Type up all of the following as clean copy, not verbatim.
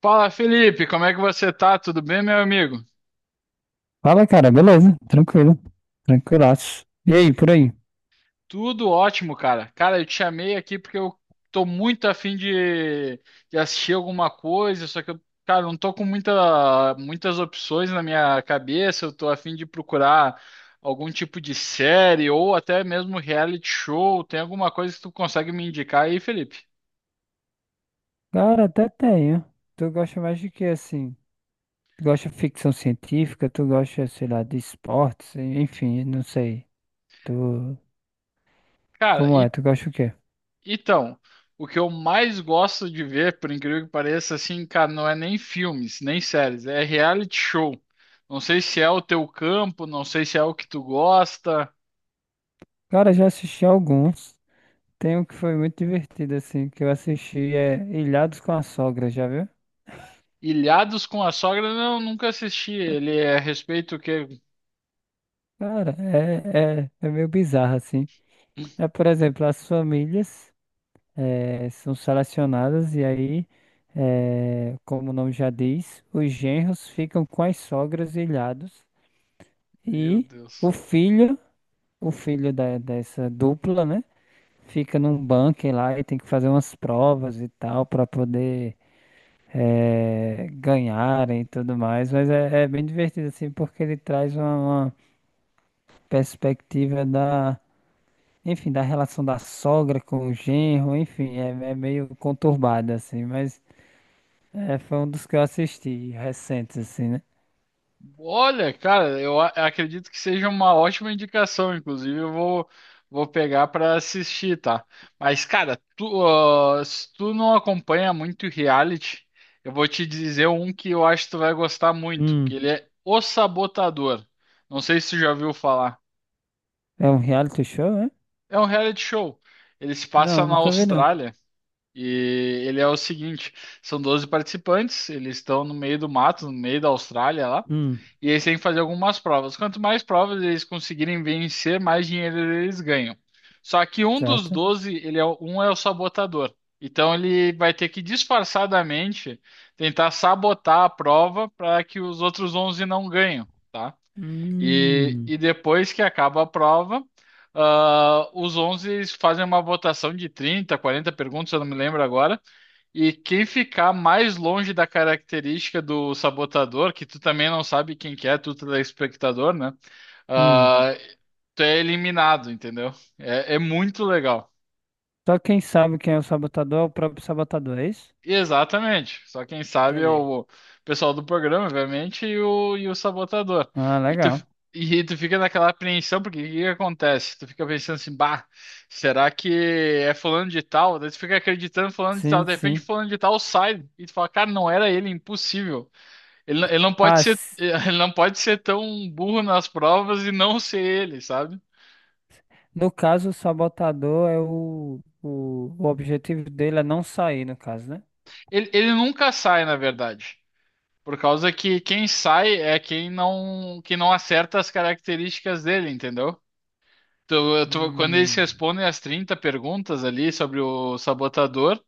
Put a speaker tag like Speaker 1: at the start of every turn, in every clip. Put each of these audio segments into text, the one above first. Speaker 1: Fala, Felipe, como é que você tá? Tudo bem, meu amigo?
Speaker 2: Fala, cara, beleza? Tranquilo. Tranquilaço. E aí, por aí?
Speaker 1: Tudo ótimo, cara. Cara, eu te chamei aqui porque eu tô muito afim de assistir alguma coisa, só que eu, cara, não tô com muitas opções na minha cabeça. Eu tô afim de procurar algum tipo de série ou até mesmo reality show. Tem alguma coisa que tu consegue me indicar aí, Felipe?
Speaker 2: Cara, até tenho. Tu gosta mais de que assim? Tu gosta de ficção científica? Tu gosta, sei lá, de esportes? Enfim, não sei. Tu.
Speaker 1: Cara,
Speaker 2: Como é?
Speaker 1: e
Speaker 2: Tu gosta o quê?
Speaker 1: Então, o que eu mais gosto de ver, por incrível que pareça, assim, cara, não é nem filmes, nem séries, é reality show. Não sei se é o teu campo, não sei se é o que tu gosta.
Speaker 2: Cara, já assisti alguns. Tem um que foi muito divertido, assim, que eu assisti é Ilhados com a Sogra, já viu?
Speaker 1: Ilhados com a Sogra, não, nunca assisti. Ele é a respeito o quê?
Speaker 2: Cara, é meio bizarro, assim. É, por exemplo, as famílias. São selecionadas e aí, como o nome já diz, os genros ficam com as sogras e ilhados
Speaker 1: Meu
Speaker 2: e o
Speaker 1: Deus.
Speaker 2: filho, o filho dessa dupla, né, fica num bunker lá e tem que fazer umas provas e tal para poder ganharem e tudo mais, mas é bem divertido assim porque ele traz uma perspectiva da da relação da sogra com o genro, enfim, é meio conturbado assim, mas é, foi um dos que eu assisti recentes, assim, né?
Speaker 1: Olha, cara, acredito que seja uma ótima indicação, inclusive vou pegar para assistir, tá? Mas, cara, tu, se tu não acompanha muito reality, eu vou te dizer um que eu acho que tu vai gostar muito, que
Speaker 2: Hum.
Speaker 1: ele é O Sabotador. Não sei se tu já ouviu falar.
Speaker 2: É um reality show, é?
Speaker 1: É um reality show. Ele se passa
Speaker 2: Não,
Speaker 1: na
Speaker 2: nunca vi, não.
Speaker 1: Austrália e ele é o seguinte, são 12 participantes, eles estão no meio do mato, no meio da Austrália lá.
Speaker 2: Hum.
Speaker 1: E eles têm que fazer algumas provas. Quanto mais provas eles conseguirem vencer, mais dinheiro eles ganham. Só que um dos
Speaker 2: Certo?
Speaker 1: 12 um é o sabotador. Então ele vai ter que disfarçadamente tentar sabotar a prova para que os outros 11 não ganhem, tá? E,
Speaker 2: Hum.
Speaker 1: e depois que acaba a prova, os 11 fazem uma votação de 30, 40 perguntas, eu não me lembro agora, e quem ficar mais longe da característica do sabotador, que tu também não sabe quem que é, tu telespectador, né?
Speaker 2: Hum.
Speaker 1: Ah, tu é eliminado, entendeu? É muito legal.
Speaker 2: Só quem sabe quem é o sabotador é o próprio sabotador, é isso?
Speaker 1: Exatamente. Só quem sabe é
Speaker 2: Entendi.
Speaker 1: o pessoal do programa, obviamente, e o sabotador.
Speaker 2: Ah,
Speaker 1: E tu,
Speaker 2: legal.
Speaker 1: e tu fica naquela apreensão, porque o que que acontece? Tu fica pensando assim, bah, será que é fulano de tal? Daí tu fica acreditando em fulano de tal,
Speaker 2: Sim,
Speaker 1: de repente
Speaker 2: sim.
Speaker 1: fulano de tal sai. E tu fala, cara, não era ele, impossível. Ele não pode
Speaker 2: Ah,
Speaker 1: ser,
Speaker 2: s-
Speaker 1: ele não pode ser tão burro nas provas e não ser ele, sabe?
Speaker 2: no caso, o sabotador é o objetivo dele é não sair, no caso, né?
Speaker 1: Ele nunca sai, na verdade. Por causa que quem sai é quem que não acerta as características dele, entendeu? Quando eles
Speaker 2: Hum.
Speaker 1: respondem as 30 perguntas ali sobre o sabotador,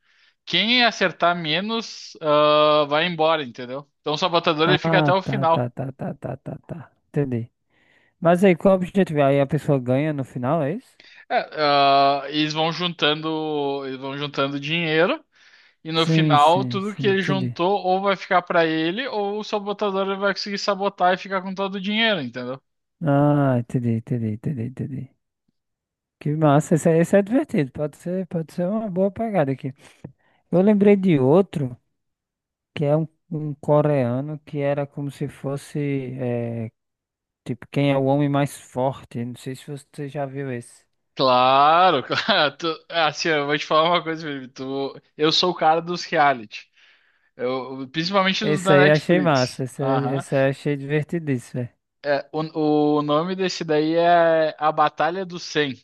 Speaker 1: quem acertar menos, vai embora, entendeu? Então o sabotador ele fica até
Speaker 2: Ah,
Speaker 1: o
Speaker 2: tá,
Speaker 1: final.
Speaker 2: tá, tá, tá, tá, tá, tá. Entendi. Mas aí, qual é o objetivo? Aí a pessoa ganha no final, é isso?
Speaker 1: Eles vão juntando dinheiro. E no
Speaker 2: Sim,
Speaker 1: final,
Speaker 2: sim,
Speaker 1: tudo
Speaker 2: sim,
Speaker 1: que ele
Speaker 2: entendi.
Speaker 1: juntou ou vai ficar pra ele, ou o sabotador ele vai conseguir sabotar e ficar com todo o dinheiro, entendeu?
Speaker 2: Ah, entendi, entendi, entendi, entendi. Que massa, esse, esse é divertido, pode ser uma boa pegada aqui. Eu lembrei de outro, que é um coreano, que era como se fosse, é, tipo, quem é o homem mais forte, não sei se você já viu esse.
Speaker 1: Claro, claro. Tu... Assim, eu vou te falar uma coisa, Felipe. Tu... Eu sou o cara dos reality. Eu... Principalmente dos
Speaker 2: Esse
Speaker 1: da
Speaker 2: aí eu achei
Speaker 1: Netflix.
Speaker 2: massa, esse,
Speaker 1: Aham.
Speaker 2: esse aí eu achei divertidíssimo, velho.
Speaker 1: É, o nome desse daí é A Batalha do 100.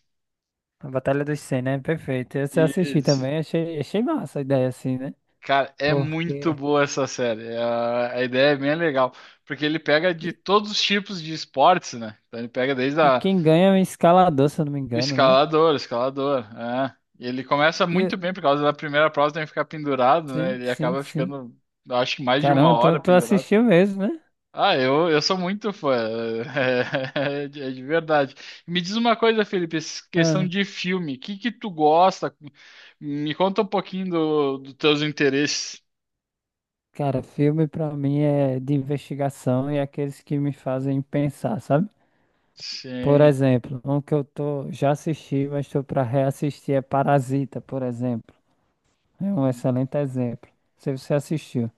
Speaker 2: A Batalha dos cem, né? Perfeito. Esse eu assisti
Speaker 1: Isso.
Speaker 2: também, achei, achei massa a ideia assim, né?
Speaker 1: Cara, é muito
Speaker 2: Porque...
Speaker 1: boa essa série. A ideia é bem legal. Porque ele pega
Speaker 2: E
Speaker 1: de todos os tipos de esportes, né? Então ele pega desde
Speaker 2: e
Speaker 1: a...
Speaker 2: quem ganha é um escalador, se eu não me engano, né?
Speaker 1: O escalador, é. E ele começa muito
Speaker 2: E,
Speaker 1: bem por causa da primeira prova, tem que ficar pendurado, né?
Speaker 2: sim,
Speaker 1: Ele
Speaker 2: sim,
Speaker 1: acaba
Speaker 2: sim.
Speaker 1: ficando, acho que mais de uma
Speaker 2: Caramba, tu,
Speaker 1: hora
Speaker 2: tu
Speaker 1: pendurado.
Speaker 2: assistiu mesmo, né?
Speaker 1: Eu sou muito fã, de é de verdade. Me diz uma coisa, Felipe, essa questão
Speaker 2: Ah,
Speaker 1: de filme, o que que tu gosta? Me conta um pouquinho dos teus interesses.
Speaker 2: cara, filme pra mim é de investigação e aqueles que me fazem pensar, sabe? Por
Speaker 1: Sim.
Speaker 2: exemplo, um que eu tô, já assisti, mas tô pra reassistir é Parasita, por exemplo. É um excelente exemplo. Se você assistiu.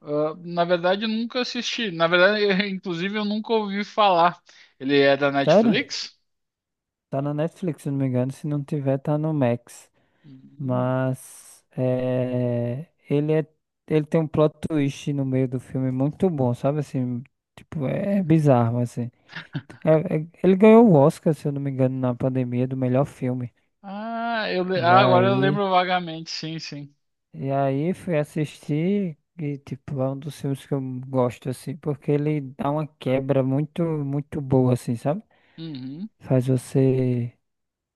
Speaker 1: Ah, na verdade, eu nunca assisti. Na verdade, inclusive, eu nunca ouvi falar. Ele é da
Speaker 2: Sério?
Speaker 1: Netflix?
Speaker 2: Tá na Netflix, se não me engano. Se não tiver, tá no Max.
Speaker 1: Hum.
Speaker 2: Mas é, ele tem um plot twist no meio do filme muito bom, sabe? Assim, tipo, é bizarro, assim. Ele ganhou o Oscar, se eu não me engano, na pandemia do melhor filme. E
Speaker 1: Ah, agora eu
Speaker 2: aí,
Speaker 1: lembro vagamente, sim, sim.
Speaker 2: e aí fui assistir e, tipo, é um dos filmes que eu gosto, assim, porque ele dá uma quebra muito, muito boa, assim, sabe?
Speaker 1: Uhum.
Speaker 2: Faz você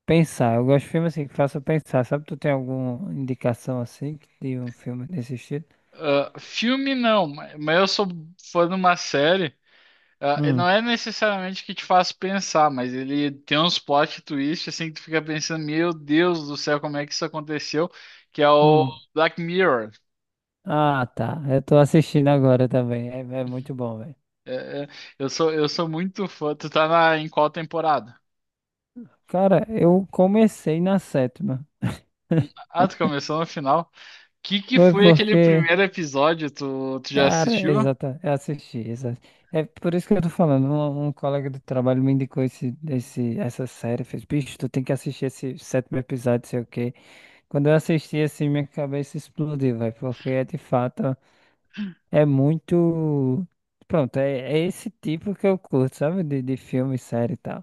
Speaker 2: pensar. Eu gosto de filmes assim que façam pensar, sabe? Tu tem alguma indicação, assim, de um filme desse estilo?
Speaker 1: Ah, filme não, mas eu sou fã de uma série. Ah, e
Speaker 2: Hum.
Speaker 1: não é necessariamente que te faz pensar, mas ele tem uns plot twist assim que tu fica pensando, meu Deus do céu, como é que isso aconteceu? Que é o
Speaker 2: Hum.
Speaker 1: Black Mirror.
Speaker 2: Ah, tá. Eu tô assistindo agora também. É, é muito bom, velho.
Speaker 1: É, é, eu sou muito fã. Tu tá na, em qual temporada?
Speaker 2: Cara, eu comecei na sétima.
Speaker 1: Ah, tu começou no final. Que
Speaker 2: Foi
Speaker 1: foi aquele
Speaker 2: porque
Speaker 1: primeiro episódio? Tu já
Speaker 2: cara,
Speaker 1: assistiu?
Speaker 2: exata, eu assisti, exato. É por isso que eu tô falando, um colega do trabalho me indicou essa série, fez, bicho, tu tem que assistir esse sétimo episódio, sei o quê. Quando eu assisti, assim, minha cabeça explodiu, vai, porque é de fato, é muito, pronto, é esse tipo que eu curto, sabe, de filme, série e tal.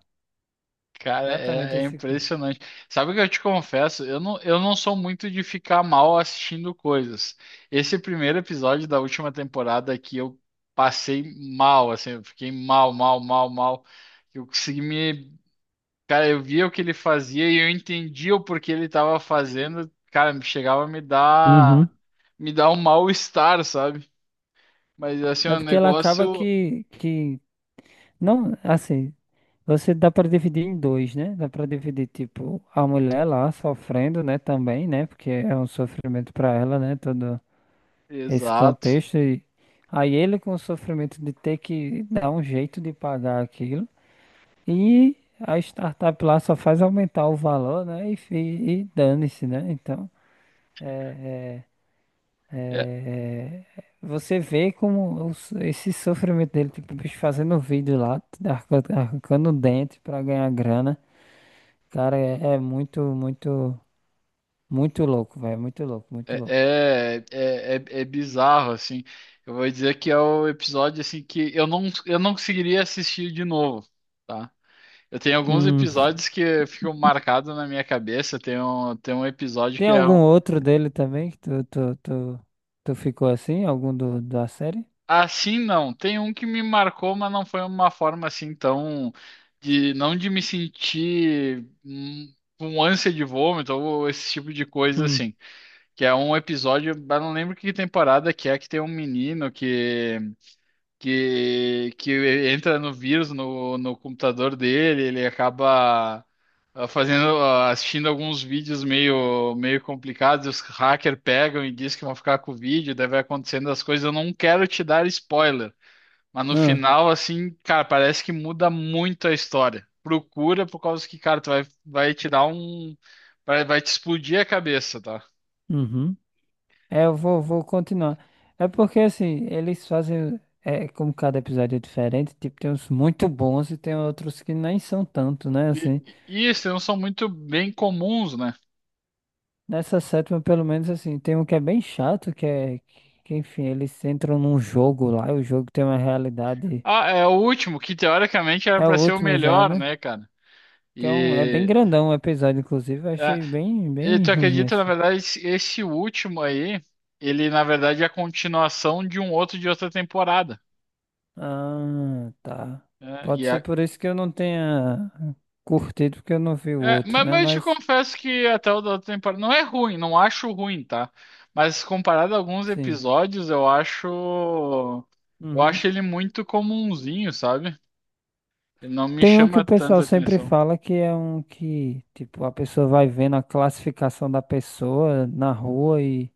Speaker 1: Cara,
Speaker 2: Exatamente esse curto.
Speaker 1: impressionante. Sabe o que eu te confesso? Eu não sou muito de ficar mal assistindo coisas. Esse primeiro episódio da última temporada aqui eu passei mal, assim, eu fiquei mal, mal, mal, mal. Eu consegui me. Cara, eu via o que ele fazia e eu entendia o porquê ele estava fazendo. Cara, chegava a
Speaker 2: Uhum.
Speaker 1: me dar um mal-estar, sabe? Mas assim, é
Speaker 2: É
Speaker 1: um
Speaker 2: porque ela acaba
Speaker 1: negócio.
Speaker 2: que não, assim, você dá para dividir em dois, né? Dá para dividir, tipo, a mulher lá sofrendo, né, também, né? Porque é um sofrimento para ela, né? Todo esse
Speaker 1: Exato.
Speaker 2: contexto. E aí ele com o sofrimento de ter que dar um jeito de pagar aquilo. E a startup lá só faz aumentar o valor, né? E dane-se, né? Então,
Speaker 1: É,
Speaker 2: é, é, você vê como esse sofrimento dele, tipo, o bicho fazendo vídeo lá, arrancando o dente para ganhar grana. Cara, é, é muito, muito, muito louco, velho. Muito louco, muito louco.
Speaker 1: é bizarro, assim. Eu vou dizer que é o episódio assim que eu não conseguiria assistir de novo, tá? Eu tenho alguns
Speaker 2: Hum,
Speaker 1: episódios que ficam marcados na minha cabeça. Tem um episódio
Speaker 2: tem
Speaker 1: que é um,
Speaker 2: algum outro dele também que tu ficou assim? Algum do, da série?
Speaker 1: assim, não. Tem um que me marcou, mas não foi uma forma assim tão de não de me sentir com ânsia de vômito ou esse tipo de coisa
Speaker 2: Hum,
Speaker 1: assim. Que é um episódio, eu não lembro que temporada que é que tem um menino que entra no vírus no computador dele, ele acaba assistindo alguns vídeos meio complicados, os hackers pegam e dizem que vão ficar com o vídeo, daí vai acontecendo as coisas. Eu não quero te dar spoiler, mas no
Speaker 2: ah,
Speaker 1: final, assim, cara, parece que muda muito a história. Procura por causa que, cara, vai te dar um. Vai te explodir a cabeça, tá?
Speaker 2: uhum. É, eu vou, vou continuar. É porque, assim, eles fazem. É, como cada episódio é diferente, tipo, tem uns muito bons e tem outros que nem são tanto, né?
Speaker 1: E,
Speaker 2: Assim,
Speaker 1: e isso não são muito bem comuns, né?
Speaker 2: nessa sétima, pelo menos, assim, tem um que é bem chato, que é. Que, enfim, eles entram num jogo lá e o jogo tem uma realidade.
Speaker 1: Ah, é o último, que teoricamente era
Speaker 2: É o
Speaker 1: para ser o
Speaker 2: último já,
Speaker 1: melhor,
Speaker 2: né?
Speaker 1: né, cara?
Speaker 2: Que é um, é bem
Speaker 1: E,
Speaker 2: grandão o episódio, inclusive. Eu
Speaker 1: é,
Speaker 2: achei bem,
Speaker 1: e
Speaker 2: bem
Speaker 1: tu
Speaker 2: ruim
Speaker 1: acredita, na
Speaker 2: assim.
Speaker 1: verdade, esse último aí, ele na verdade é a continuação de um outro de outra temporada.
Speaker 2: Ah, tá.
Speaker 1: Né?
Speaker 2: Pode ser por isso que eu não tenha curtido, porque eu não vi o
Speaker 1: É,
Speaker 2: outro, né?
Speaker 1: mas eu te
Speaker 2: Mas,
Speaker 1: confesso que até o da outra temporada não é ruim, não acho ruim, tá? Mas comparado a alguns
Speaker 2: sim.
Speaker 1: episódios, eu
Speaker 2: Uhum.
Speaker 1: acho ele muito comumzinho, sabe? Ele não me
Speaker 2: Tem um que
Speaker 1: chama
Speaker 2: o
Speaker 1: tanta
Speaker 2: pessoal sempre
Speaker 1: atenção.
Speaker 2: fala que é um que, tipo, a pessoa vai vendo a classificação da pessoa na rua e,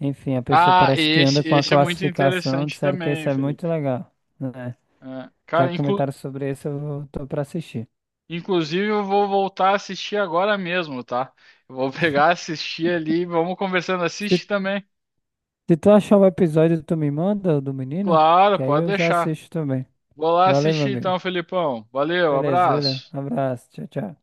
Speaker 2: enfim, a pessoa
Speaker 1: Ah,
Speaker 2: parece que anda com a
Speaker 1: esse é muito
Speaker 2: classificação.
Speaker 1: interessante
Speaker 2: Disseram que
Speaker 1: também,
Speaker 2: esse é muito
Speaker 1: Felipe.
Speaker 2: legal, né?
Speaker 1: É,
Speaker 2: Já
Speaker 1: Cara, inclu-
Speaker 2: comentaram sobre esse, tô pra assistir.
Speaker 1: inclusive eu vou voltar a assistir agora mesmo, tá? Eu vou pegar, assistir ali, vamos conversando.
Speaker 2: Se
Speaker 1: Assiste também.
Speaker 2: se tu achar o episódio, tu me manda o do menino,
Speaker 1: Claro,
Speaker 2: porque aí
Speaker 1: pode
Speaker 2: eu já
Speaker 1: deixar.
Speaker 2: assisto também.
Speaker 1: Vou lá
Speaker 2: Valeu, meu
Speaker 1: assistir
Speaker 2: amigo.
Speaker 1: então, Felipão. Valeu,
Speaker 2: Beleza, beleza.
Speaker 1: abraço.
Speaker 2: Abraço, tchau, tchau.